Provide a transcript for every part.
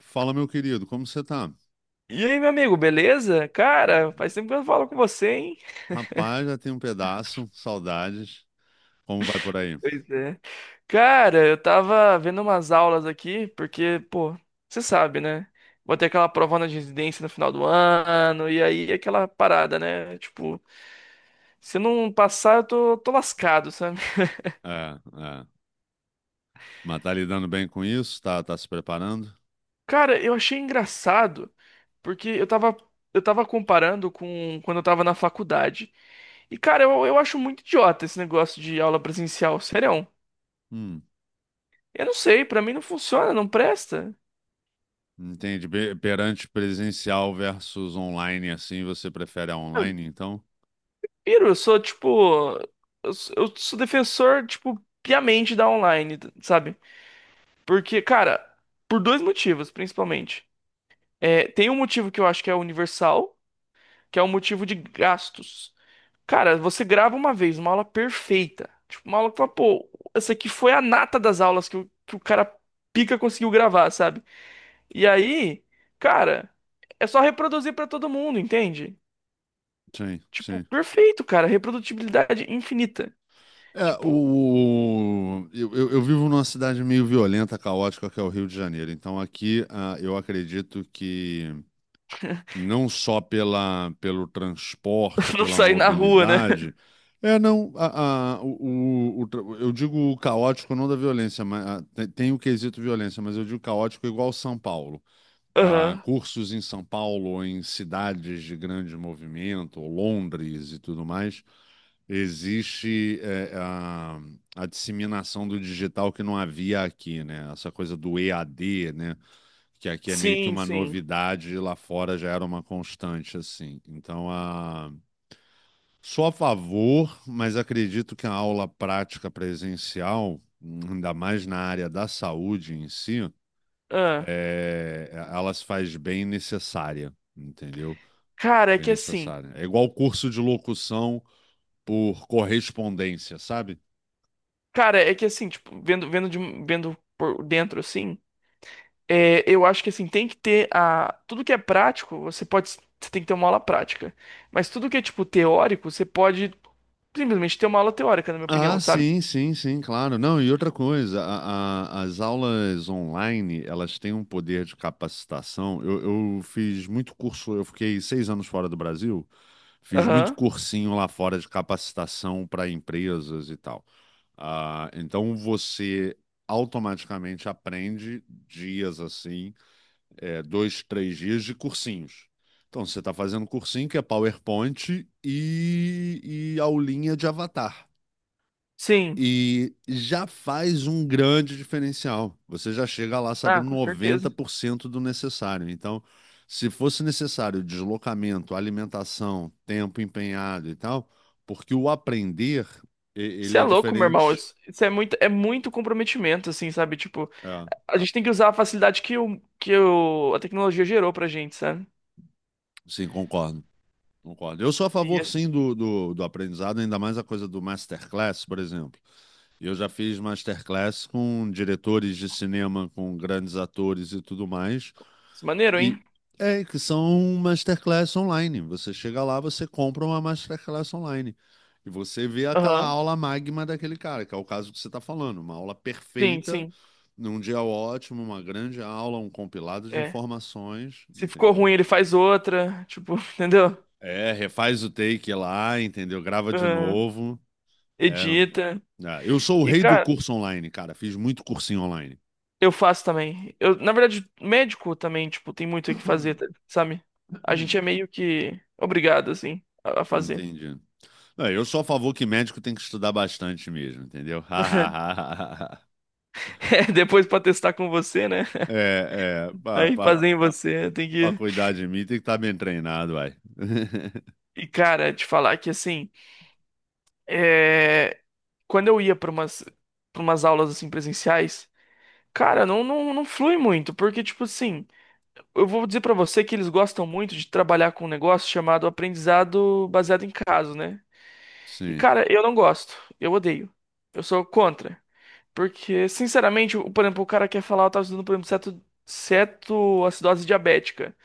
Fala, meu querido, como você tá? E aí, meu amigo, beleza? Cara, faz tempo que eu não falo com você, hein? Rapaz, já tem um pedaço, saudades. Como vai por aí? Pois é. Cara, eu tava vendo umas aulas aqui, porque, pô, você sabe, né? Vou ter aquela prova na residência no final do ano, e aí aquela parada, né? Tipo, se eu não passar, eu tô lascado, sabe? É, é. Mas tá lidando bem com isso? Tá se preparando? Cara, eu achei engraçado, porque eu tava comparando com quando eu tava na faculdade. E, cara, eu acho muito idiota esse negócio de aula presencial, sério. Hum, Eu não sei, pra mim não funciona, não presta. entende. Perante presencial versus online, assim, você prefere a Eu online, então? piro, eu sou tipo. Eu sou defensor, tipo, piamente da online, sabe? Porque, cara, por dois motivos, principalmente. É, tem um motivo que eu acho que é universal, que é o motivo de gastos. Cara, você grava uma vez uma aula perfeita. Tipo, uma aula que fala, pô, essa aqui foi a nata das aulas que o cara pica conseguiu gravar, sabe? E aí, cara, é só reproduzir pra todo mundo, entende? Sim, Tipo, sim. perfeito, cara. Reprodutibilidade infinita. É, Tipo, eu vivo numa cidade meio violenta, caótica, que é o Rio de Janeiro. Então aqui, eu acredito que não só pelo transporte, não pela sair na rua, né? mobilidade. É, não, eu digo o caótico não da violência, mas tem o quesito violência, mas eu digo caótico igual São Paulo. Ah, Aham. cursos em São Paulo, em cidades de grande movimento, ou Londres e tudo mais, existe a disseminação do digital que não havia aqui, né? Essa coisa do EAD, né? Que aqui é meio que Sim, uma sim. novidade e lá fora já era uma constante, assim. Sou a favor, mas acredito que a aula prática presencial, ainda mais na área da saúde em si, Ah. Ela se faz bem necessária, entendeu? Cara, é Bem que assim. necessária. É igual curso de locução por correspondência, sabe? Cara, é que assim, tipo, vendo por dentro assim, é, eu acho que assim, tem que ter a. Tudo que é prático, você pode. Você tem que ter uma aula prática. Mas tudo que é, tipo, teórico, você pode simplesmente ter uma aula teórica, na minha opinião, Ah, sabe? sim, sim, sim, claro. Não, e outra coisa, as aulas online, elas têm um poder de capacitação. Eu fiz muito curso, eu fiquei 6 anos fora do Brasil, fiz muito Aham. cursinho lá fora de capacitação para empresas e tal. Ah, então você automaticamente aprende dias assim, é, dois, três dias de cursinhos. Então você está fazendo cursinho que é PowerPoint e aulinha de avatar. Sim. E já faz um grande diferencial. Você já chega lá Ah, sabendo com certeza. 90% do necessário. Então, se fosse necessário deslocamento, alimentação, tempo empenhado e tal, porque o aprender, Você ele é é louco, meu irmão. diferente. Isso isso é muito comprometimento, assim, sabe? Tipo, É, a gente tem que usar a facilidade que, a tecnologia gerou pra gente, sabe? sim, concordo. Concordo. Eu sou a favor, Isso. sim, do aprendizado, ainda mais a coisa do masterclass, por exemplo. Eu já fiz masterclass com diretores de cinema, com grandes atores e tudo mais. Isso é maneiro, hein? E é que são masterclass online. Você chega lá, você compra uma masterclass online. E você vê aquela Aham. aula magma daquele cara, que é o caso que você está falando. Uma aula Sim, perfeita, sim. num dia ótimo, uma grande aula, um compilado de É. informações, Se ficou ruim, entendeu? ele faz outra. Tipo, entendeu? É, refaz o take lá, entendeu? Grava de Aham. novo. É. Edita. Ah, eu sou o E, rei do cara, curso online, cara. Fiz muito cursinho online. eu faço também. Eu, na verdade, médico também, tipo, tem muito o que fazer, tá- sabe? A gente é meio que obrigado, assim, a fazer. Entendi. Não, eu sou a favor que médico tem que estudar bastante mesmo, entendeu? É, depois pra testar com você, né? É, é, pra, Aí pra, fazer em você, tem pra que. cuidar de mim tem que estar bem treinado, vai. E, cara, te falar que assim. É, quando eu ia pra umas aulas assim presenciais, cara, não flui muito, porque, tipo assim, eu vou dizer pra você que eles gostam muito de trabalhar com um negócio chamado aprendizado baseado em caso, né? E, Sim. cara, eu não gosto, eu odeio, eu sou contra, porque, sinceramente, o- por exemplo, o cara quer falar, eu tava estudando, por exemplo, ceto, cetoacidose diabética.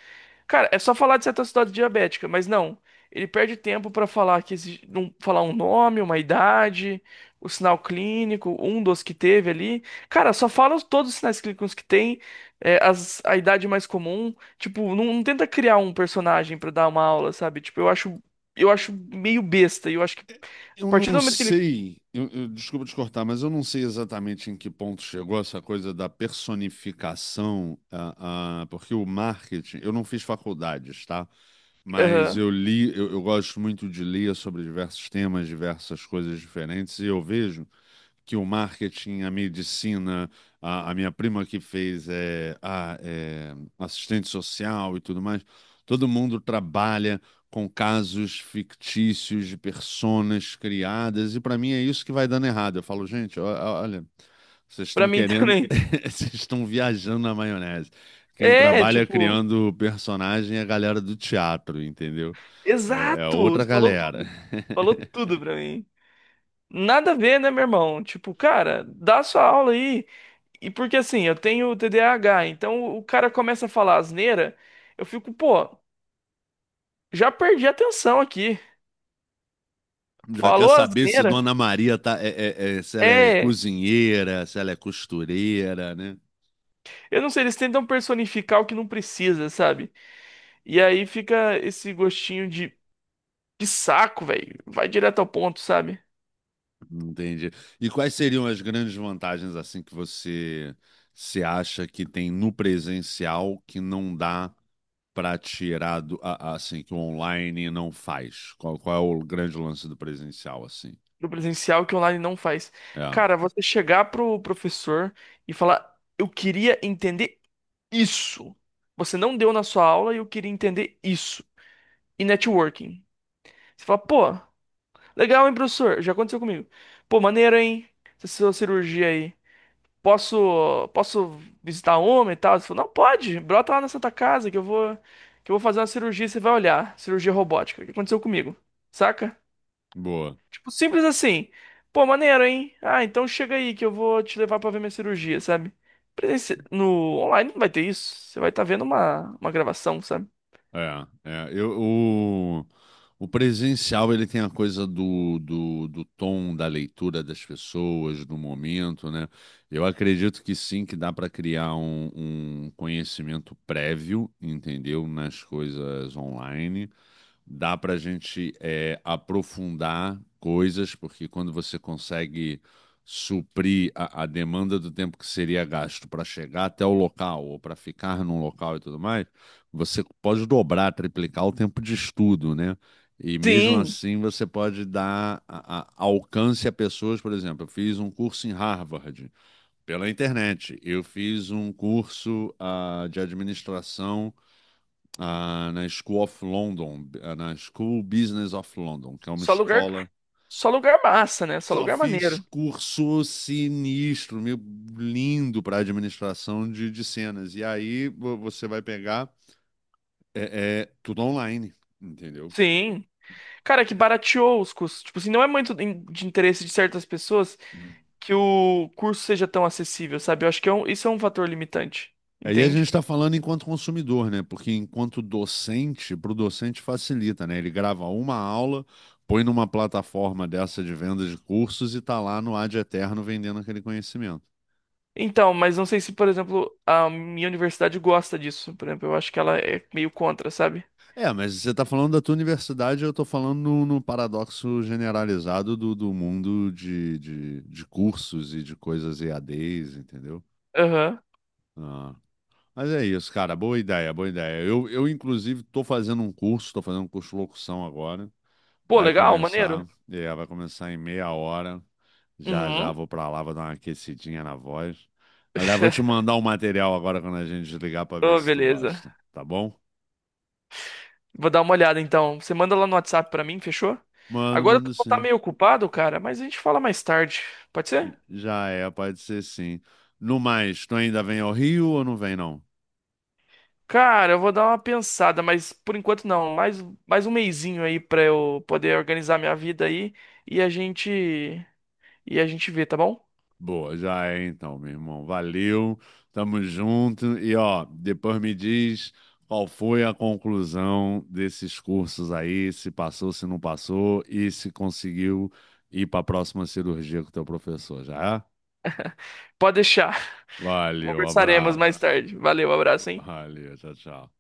Cara, é só falar de cetoacidose diabética, mas não. Ele perde tempo pra falar que exi- não falar um nome, uma idade, o sinal clínico, um dos que teve ali. Cara, só fala os- todos os sinais clínicos que tem, é, as- a idade mais comum. Tipo, não, não tenta criar um personagem pra dar uma aula, sabe? Tipo, eu acho meio besta. E eu acho que É, a eu partir do não momento que ele, sei, desculpa te cortar, mas eu não sei exatamente em que ponto chegou essa coisa da personificação, porque o marketing, eu não fiz faculdades, tá? Mas aham. eu li, eu gosto muito de ler sobre diversos temas, diversas coisas diferentes, e eu vejo que o marketing, a medicina, a minha prima que fez assistente social e tudo mais, todo mundo trabalha com casos fictícios de personas criadas, e para mim é isso que vai dando errado. Eu falo, gente, olha, vocês Pra estão mim querendo, também. vocês estão viajando na maionese. Quem É, trabalha tipo, criando personagem é a galera do teatro, entendeu? É, é exato. outra Você falou galera. tudo. Falou tudo pra mim. Nada a ver, né, meu irmão? Tipo, cara, dá sua aula aí. E porque assim, eu tenho TDAH, então o cara começa a falar asneira, eu fico, pô, já perdi a atenção aqui. Já quer Falou saber se asneira? Dona Maria tá, se ela é É. cozinheira, se ela é costureira, né? Eu não sei, eles tentam personificar o que não precisa, sabe? E aí fica esse gostinho de saco, velho. Vai direto ao ponto, sabe? Entendi. E quais seriam as grandes vantagens assim que você se acha que tem no presencial que não dá para tirar do, assim que o online não faz? Qual é o grande lance do presencial assim? Do presencial que online não faz. É, Cara, você chegar pro professor e falar, eu queria entender isso. Você não deu na sua aula e eu queria entender isso. E networking. Você fala, pô, legal, hein, professor? Já aconteceu comigo. Pô, maneiro, hein? Essa sua cirurgia aí. Posso visitar homem e tal? Você falou, não, pode. Brota lá na Santa Casa que eu vou fazer uma cirurgia e você vai olhar. Cirurgia robótica. O que aconteceu comigo? Saca? boa. Tipo, simples assim. Pô, maneiro, hein? Ah, então chega aí que eu vou te levar pra ver minha cirurgia, sabe? Presenci- No online não vai ter isso. Você vai estar vendo uma gravação, sabe? É, é, eu, o, o presencial ele tem a coisa do tom, da leitura das pessoas, do momento, né? Eu acredito que sim, que dá para criar um, um conhecimento prévio, entendeu? Nas coisas online dá para a gente é, aprofundar coisas, porque quando você consegue suprir a demanda do tempo que seria gasto para chegar até o local ou para ficar num local e tudo mais, você pode dobrar, triplicar o tempo de estudo, né? E mesmo Sim, assim você pode dar alcance a pessoas, por exemplo, eu fiz um curso em Harvard pela internet, eu fiz um curso de administração na School of London, na School Business of London, que é uma só lugar, escola. só lugar massa, né? Só Só lugar fiz maneiro. curso sinistro, meio lindo para administração de cenas. E aí você vai pegar tudo online, entendeu? Sim. Cara, é que barateou os custos. Tipo assim, não é muito in- de interesse de certas pessoas que o curso seja tão acessível, sabe? Eu acho que é um- isso é um fator limitante, Aí a gente entende? está falando enquanto consumidor, né? Porque enquanto docente, para o docente facilita, né? Ele grava uma aula, põe numa plataforma dessa de venda de cursos e tá lá no ad eterno vendendo aquele conhecimento. Então, mas não sei se, por exemplo, a minha universidade gosta disso. Por exemplo, eu acho que ela é meio contra, sabe? É, mas você está falando da tua universidade, eu estou falando no, no paradoxo generalizado do, do mundo de cursos e de coisas EADs, entendeu? Aham. Ah, mas é isso, cara, boa ideia, boa ideia. Eu inclusive, estou fazendo um curso, estou fazendo um curso de locução agora. Pô, Vai legal, começar, maneiro. é, vai começar em meia hora. Já Uhum. vou para lá, vou dar uma aquecidinha na voz. Aliás, vou te mandar o material agora quando a gente desligar para ver Oh, se tu beleza. gosta, tá bom? Vou dar uma olhada então. Você manda lá no WhatsApp pra mim, fechou? Mando, Agora eu mando vou estar sim. meio ocupado, cara, mas a gente fala mais tarde. Pode ser? Já é, pode ser sim. No mais, tu ainda vem ao Rio ou não vem, não? Cara, eu vou dar uma pensada, mas por enquanto não. Mais, mais um mesinho aí pra eu poder organizar minha vida aí e a gente e a gente vê, tá bom? Boa, já é então, meu irmão. Valeu, tamo junto. E ó, depois me diz qual foi a conclusão desses cursos aí, se passou, se não passou e se conseguiu ir pra próxima cirurgia com o teu professor, já é? Pode deixar. Valeu, Conversaremos mais abraço. tarde. Valeu, abraço, hein? Valeu, tchau, tchau.